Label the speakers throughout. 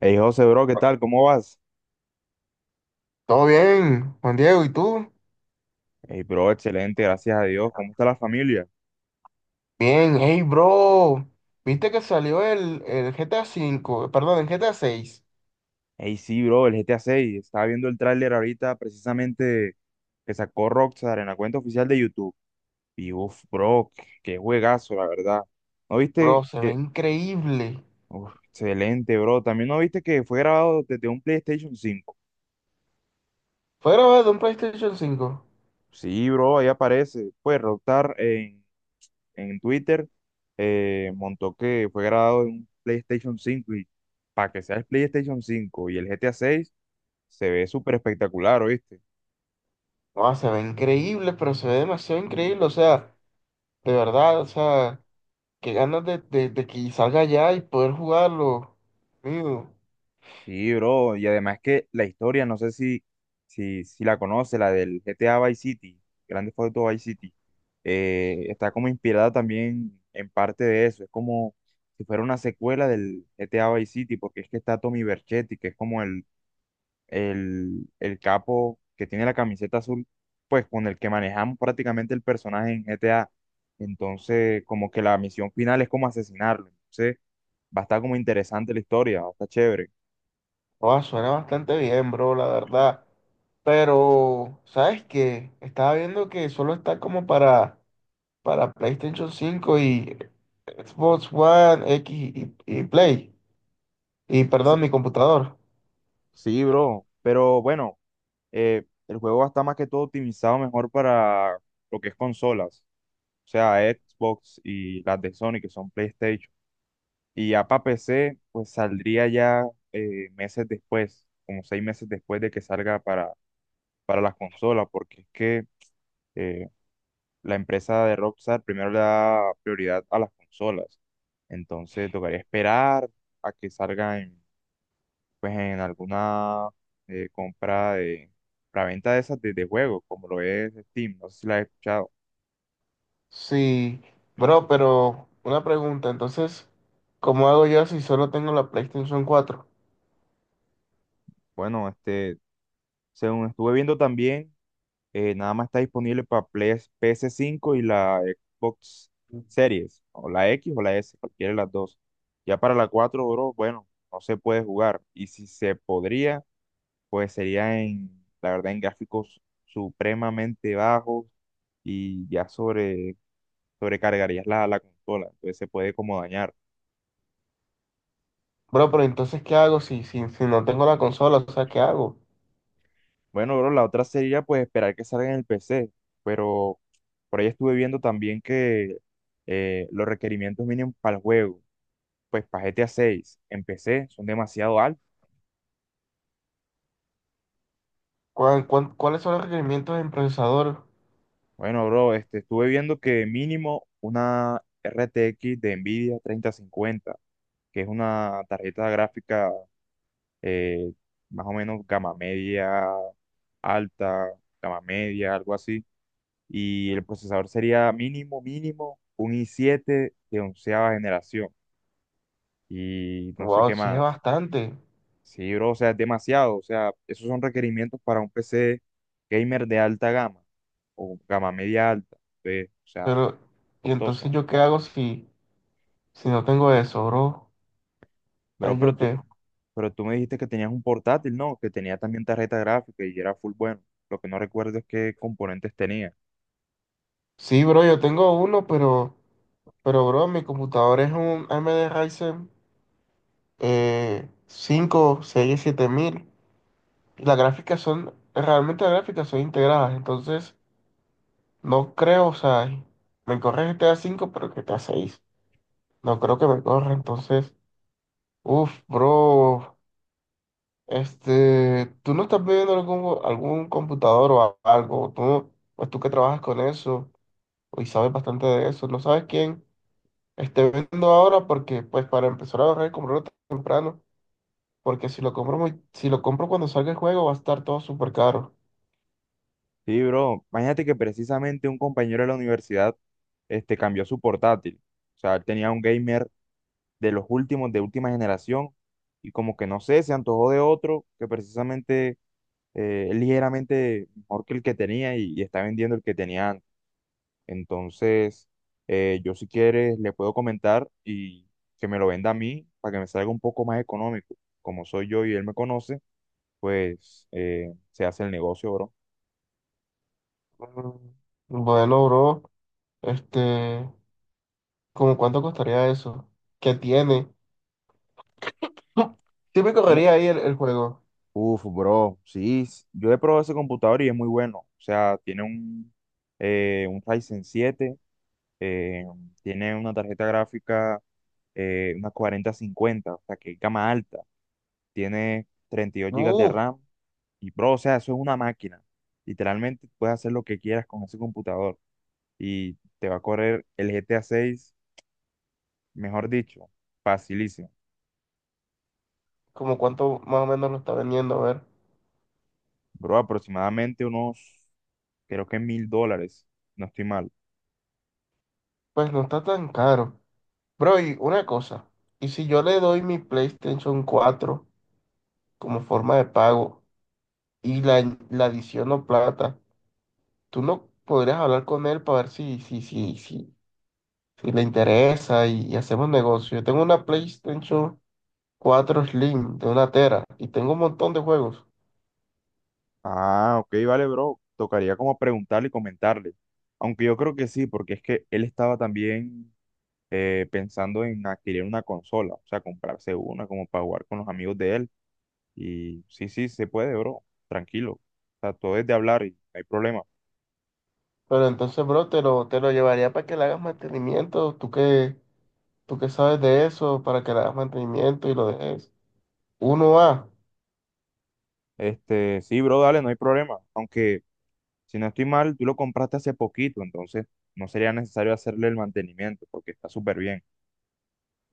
Speaker 1: Hey José, bro, ¿qué tal? ¿Cómo vas?
Speaker 2: Todo bien, Juan Diego, ¿y tú?
Speaker 1: Hey, bro, excelente, gracias a Dios. ¿Cómo está la familia?
Speaker 2: Bien, hey, bro. ¿Viste que salió el GTA 5, perdón, el GTA 6?
Speaker 1: Hey, sí, bro, el GTA 6. Estaba viendo el tráiler ahorita precisamente que sacó Rockstar en la cuenta oficial de YouTube. Y uff, bro, qué juegazo, la verdad. ¿No
Speaker 2: Bro,
Speaker 1: viste
Speaker 2: se ve
Speaker 1: que?
Speaker 2: increíble.
Speaker 1: Uf, excelente, bro. También no viste que fue grabado desde un PlayStation 5.
Speaker 2: Fue grabado en un PlayStation 5.
Speaker 1: Sí, bro, ahí aparece. Pues Rockstar en Twitter, montó que fue grabado en un PlayStation 5 y para que sea el PlayStation 5 y el GTA 6 se ve súper espectacular, ¿oíste?
Speaker 2: No, se ve increíble, pero se ve demasiado
Speaker 1: Mm.
Speaker 2: increíble. O sea, de verdad, o sea, qué ganas de que salga ya y poder jugarlo. Mío.
Speaker 1: Sí, bro, y además que la historia, no sé si la conoce, la del GTA Vice City, Grande Foto Vice City, está como inspirada también en parte de eso, es como si fuera una secuela del GTA Vice City, porque es que está Tommy Vercetti, que es como el capo que tiene la camiseta azul, pues con el que manejamos prácticamente el personaje en GTA. Entonces, como que la misión final es como asesinarlo. Entonces, va a estar como interesante la historia, va a estar chévere.
Speaker 2: No, suena bastante bien, bro, la verdad. Pero, ¿sabes qué? Estaba viendo que solo está como para PlayStation 5 y Xbox One X y Play. Y
Speaker 1: Sí,
Speaker 2: perdón, mi computador.
Speaker 1: sí, bro, pero bueno, el juego va a estar más que todo optimizado mejor para lo que es consolas, o sea, Xbox y las de Sony, que son PlayStation. Y ya para PC, pues saldría ya, meses después, como 6 meses después de que salga para las consolas, porque es que, eh, la empresa de Rockstar primero le da prioridad a las consolas. Entonces tocaría esperar a que salga en, pues, en alguna, compra de para venta de esas de juegos, como lo es Steam. No sé si la has escuchado.
Speaker 2: Sí, bro, pero una pregunta, entonces, ¿cómo hago yo si solo tengo la PlayStation 4?
Speaker 1: Bueno, según estuve viendo también, nada más está disponible para ps cinco y la Xbox Series, o la X o la S, cualquiera de las dos. Ya para la cuatro, bro, bueno, no se puede jugar. Y si se podría, pues sería en, la verdad, en gráficos supremamente bajos y ya sobrecargarías la consola. Entonces se puede como dañar.
Speaker 2: Bro, pero entonces, ¿qué hago si no tengo la consola? O sea, ¿qué hago?
Speaker 1: Bueno, bro, la otra sería pues esperar que salga en el PC, pero por ahí estuve viendo también que, los requerimientos mínimos para el juego. Pues para GTA 6 empecé, son demasiado altos.
Speaker 2: ¿Cuáles son los requerimientos en procesador?
Speaker 1: Bueno, bro, estuve viendo que mínimo una RTX de Nvidia 3050, que es una tarjeta gráfica, eh, más o menos gama media, alta, gama media, algo así. Y el procesador sería mínimo, mínimo, un i7 de onceava generación. Y no sé
Speaker 2: Wow,
Speaker 1: qué
Speaker 2: sí es
Speaker 1: más.
Speaker 2: bastante.
Speaker 1: Sí, bro, o sea, es demasiado. O sea, esos son requerimientos para un PC gamer de alta gama o gama media alta. Ve, o sea,
Speaker 2: Pero, ¿y entonces
Speaker 1: costoso.
Speaker 2: yo qué hago si no tengo eso, bro?
Speaker 1: Bro,
Speaker 2: Ahí,
Speaker 1: pero
Speaker 2: ¿yo
Speaker 1: tú,
Speaker 2: qué?
Speaker 1: pero tú me dijiste que tenías un portátil, ¿no? Que tenía también tarjeta gráfica y era full bueno. Lo que no recuerdo es qué componentes tenía.
Speaker 2: Sí, bro, yo tengo uno, pero... Pero, bro, mi computador es un AMD Ryzen 5, seis siete mil. Y las gráficas son, realmente las gráficas son integradas. Entonces, no creo, o sea, me corre GTA 5 pero GTA 6. No creo que me corra. Entonces, uff, bro, este, tú no estás viendo algún computador o algo. Tú, pues tú que trabajas con eso y sabes bastante de eso. No sabes quién esté viendo ahora porque, pues, para empezar a ahorrar y comprarlo temprano. Porque si lo compro cuando salga el juego va a estar todo súper caro.
Speaker 1: Sí, bro, imagínate que precisamente un compañero de la universidad, cambió su portátil. O sea, él tenía un gamer de los últimos, de última generación, y como que no sé, se antojó de otro que precisamente, es ligeramente mejor que el que tenía y está vendiendo el que tenía antes. Entonces, yo si quieres le puedo comentar y que me lo venda a mí para que me salga un poco más económico. Como soy yo y él me conoce, pues, se hace el negocio, bro.
Speaker 2: Mm, bueno, bro, este, ¿cómo cuánto costaría eso? ¿Qué tiene? Sí me
Speaker 1: Bueno,
Speaker 2: correría ahí el juego.
Speaker 1: uf, bro, sí, yo he probado ese computador y es muy bueno. O sea, tiene un Ryzen 7, eh, tiene una tarjeta gráfica, una 4050, o sea, que es gama alta. Tiene 32 gigas de
Speaker 2: Uf,
Speaker 1: RAM y, bro, o sea, eso es una máquina. Literalmente puedes hacer lo que quieras con ese computador y te va a correr el GTA 6, mejor dicho, facilísimo.
Speaker 2: ¿cómo cuánto más o menos lo está vendiendo? A ver,
Speaker 1: Bro, aproximadamente unos, creo que $1000, no estoy mal.
Speaker 2: pues no está tan caro. Bro, y una cosa, ¿y si yo le doy mi PlayStation 4 como forma de pago y la adiciono plata, tú no podrías hablar con él para ver si le interesa y hacemos negocio? Yo tengo una PlayStation 4 Slim de una tera y tengo un montón de juegos.
Speaker 1: Ah, ok, vale, bro. Tocaría como preguntarle y comentarle. Aunque yo creo que sí, porque es que él estaba también, pensando en adquirir una consola, o sea, comprarse una como para jugar con los amigos de él. Y sí, sí, se puede, bro. Tranquilo. O sea, todo es de hablar y no hay problema.
Speaker 2: Pero entonces, bro, te lo llevaría para que le hagas mantenimiento. Tú que sabes de eso, para que le hagas mantenimiento y lo dejes. Uno a...
Speaker 1: Sí, bro, dale, no hay problema. Aunque, si no estoy mal, tú lo compraste hace poquito, entonces no sería necesario hacerle el mantenimiento porque está súper bien.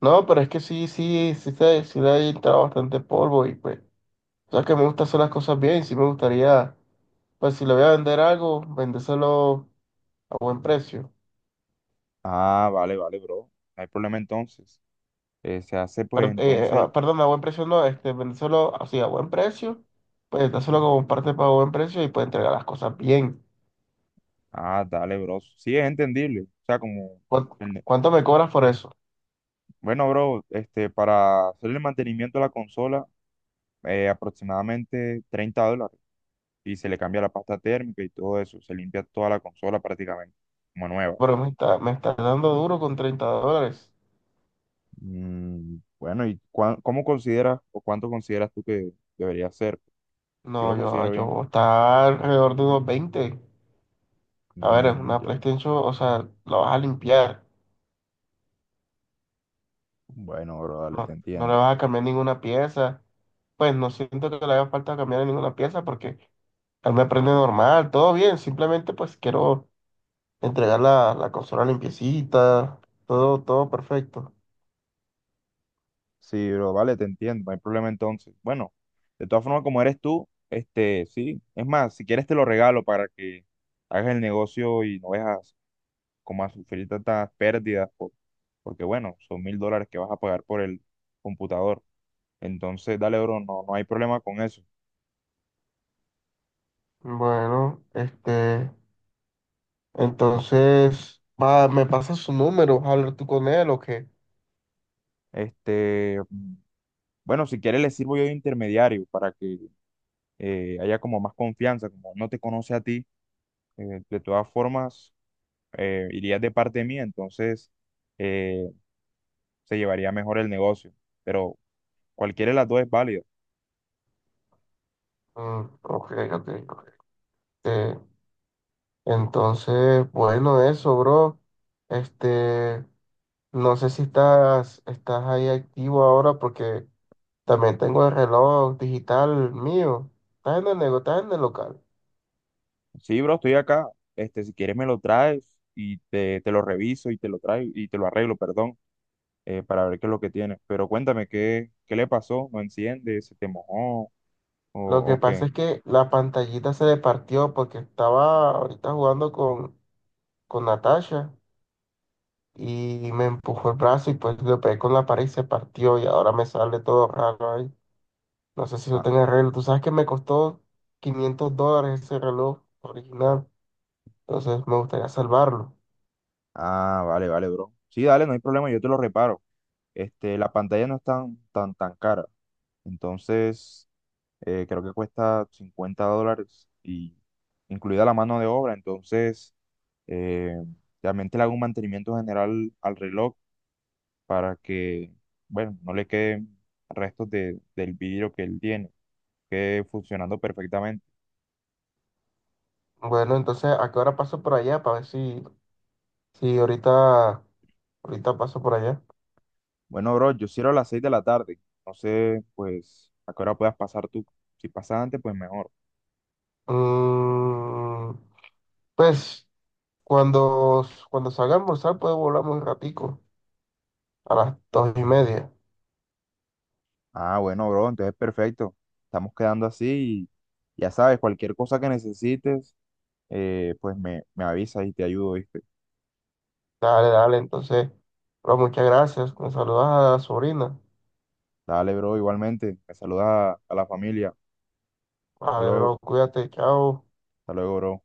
Speaker 2: No, pero es que sí, sí, sí, sí, le ha entrado bastante polvo y pues, o sea que me gusta hacer las cosas bien. Sí me gustaría, pues si le voy a vender algo, vendérselo a buen precio.
Speaker 1: Ah, vale, vale, bro. No hay problema entonces. Se hace pues entonces.
Speaker 2: Perdón, a buen precio no, este, vende solo así a buen precio, pues está solo como parte para buen precio y puede entregar las cosas bien.
Speaker 1: Ah, dale, bro. Sí, es entendible. O sea, como.
Speaker 2: ¿Cuán-
Speaker 1: el-
Speaker 2: ¿Cuánto me cobras por eso?
Speaker 1: Bueno, bro, para hacerle el mantenimiento a la consola, aproximadamente $30. Y se le cambia la pasta térmica y todo eso. Se limpia toda la consola prácticamente, como nueva.
Speaker 2: Pero me está dando duro con $30.
Speaker 1: Mm, bueno, y ¿cómo consideras o cuánto consideras tú que debería ser? Yo
Speaker 2: No,
Speaker 1: lo
Speaker 2: yo,
Speaker 1: considero bien.
Speaker 2: yo está alrededor de unos 20. A ver, es
Speaker 1: Mm,
Speaker 2: una
Speaker 1: ya.
Speaker 2: PlayStation, o sea, la vas a limpiar,
Speaker 1: Bueno, bro, dale, te
Speaker 2: no, no le
Speaker 1: entiendo.
Speaker 2: vas a cambiar ninguna pieza. Pues no siento que le haga falta cambiar ninguna pieza porque él me prende normal, todo bien, simplemente pues quiero entregar la consola limpiecita, todo, todo perfecto.
Speaker 1: Sí, bro, vale, te entiendo. No hay problema entonces. Bueno, de todas formas, como eres tú, sí. Es más, si quieres te lo regalo para que hagas el negocio y no veas como a sufrir tantas pérdidas, porque bueno, son $1000 que vas a pagar por el computador. Entonces, dale, bro, no, no hay problema con eso.
Speaker 2: Bueno, este, entonces, va, me pasa su número, ¿vas a hablar tú con él o qué?
Speaker 1: Este, bueno, si quieres le sirvo yo de intermediario para que, haya como más confianza, como no te conoce a ti, de todas formas, irías de parte mía, entonces, eh, se llevaría mejor el negocio. Pero cualquiera de las dos es válida.
Speaker 2: Mm, ok, ok, ok. Este, entonces, bueno, eso, bro. Este, no sé si estás ahí activo ahora porque también tengo el reloj digital mío. ¿Estás en el estás en el local?
Speaker 1: Sí, bro, estoy acá. Si quieres me lo traes y te lo reviso y te lo traigo y te lo arreglo, perdón, para ver qué es lo que tienes. Pero cuéntame, ¿qué le pasó? ¿No enciende? ¿Se te mojó?
Speaker 2: Lo
Speaker 1: ¿O,
Speaker 2: que
Speaker 1: o
Speaker 2: pasa
Speaker 1: qué?
Speaker 2: es que la pantallita se le partió porque estaba ahorita jugando con Natasha y me empujó el brazo y pues lo pegué con la pared y se partió y ahora me sale todo raro ahí. No sé si eso
Speaker 1: Ah,
Speaker 2: tiene arreglo. Tú sabes que me costó $500 ese reloj original, entonces me gustaría salvarlo.
Speaker 1: ah, vale, vale, bro. Sí, dale, no hay problema, yo te lo reparo. La pantalla no es tan, tan, tan cara. Entonces, creo que cuesta $50 y incluida la mano de obra. Entonces, eh, realmente le hago un mantenimiento general al reloj para que, bueno, no le queden restos del vidrio que él tiene, quede funcionando perfectamente.
Speaker 2: Bueno, entonces, ¿a qué hora paso por allá? Para ver si, si ahorita, ahorita paso por allá.
Speaker 1: Bueno, bro, yo cierro a las 6 de la tarde. No sé, pues, a qué hora puedas pasar tú. Si pasas antes, pues mejor.
Speaker 2: Mm, pues cuando salga a almorzar puedo volar un ratico a las 2:30.
Speaker 1: Ah, bueno, bro, entonces perfecto. Estamos quedando así y ya sabes, cualquier cosa que necesites, pues me avisas y te ayudo, ¿viste?
Speaker 2: Dale, dale, entonces, bro, muchas gracias. Me saludas a la sobrina.
Speaker 1: Dale, bro, igualmente. Me saludas a la familia. Hasta
Speaker 2: Vale,
Speaker 1: luego.
Speaker 2: bro, cuídate, chao.
Speaker 1: Hasta luego, bro.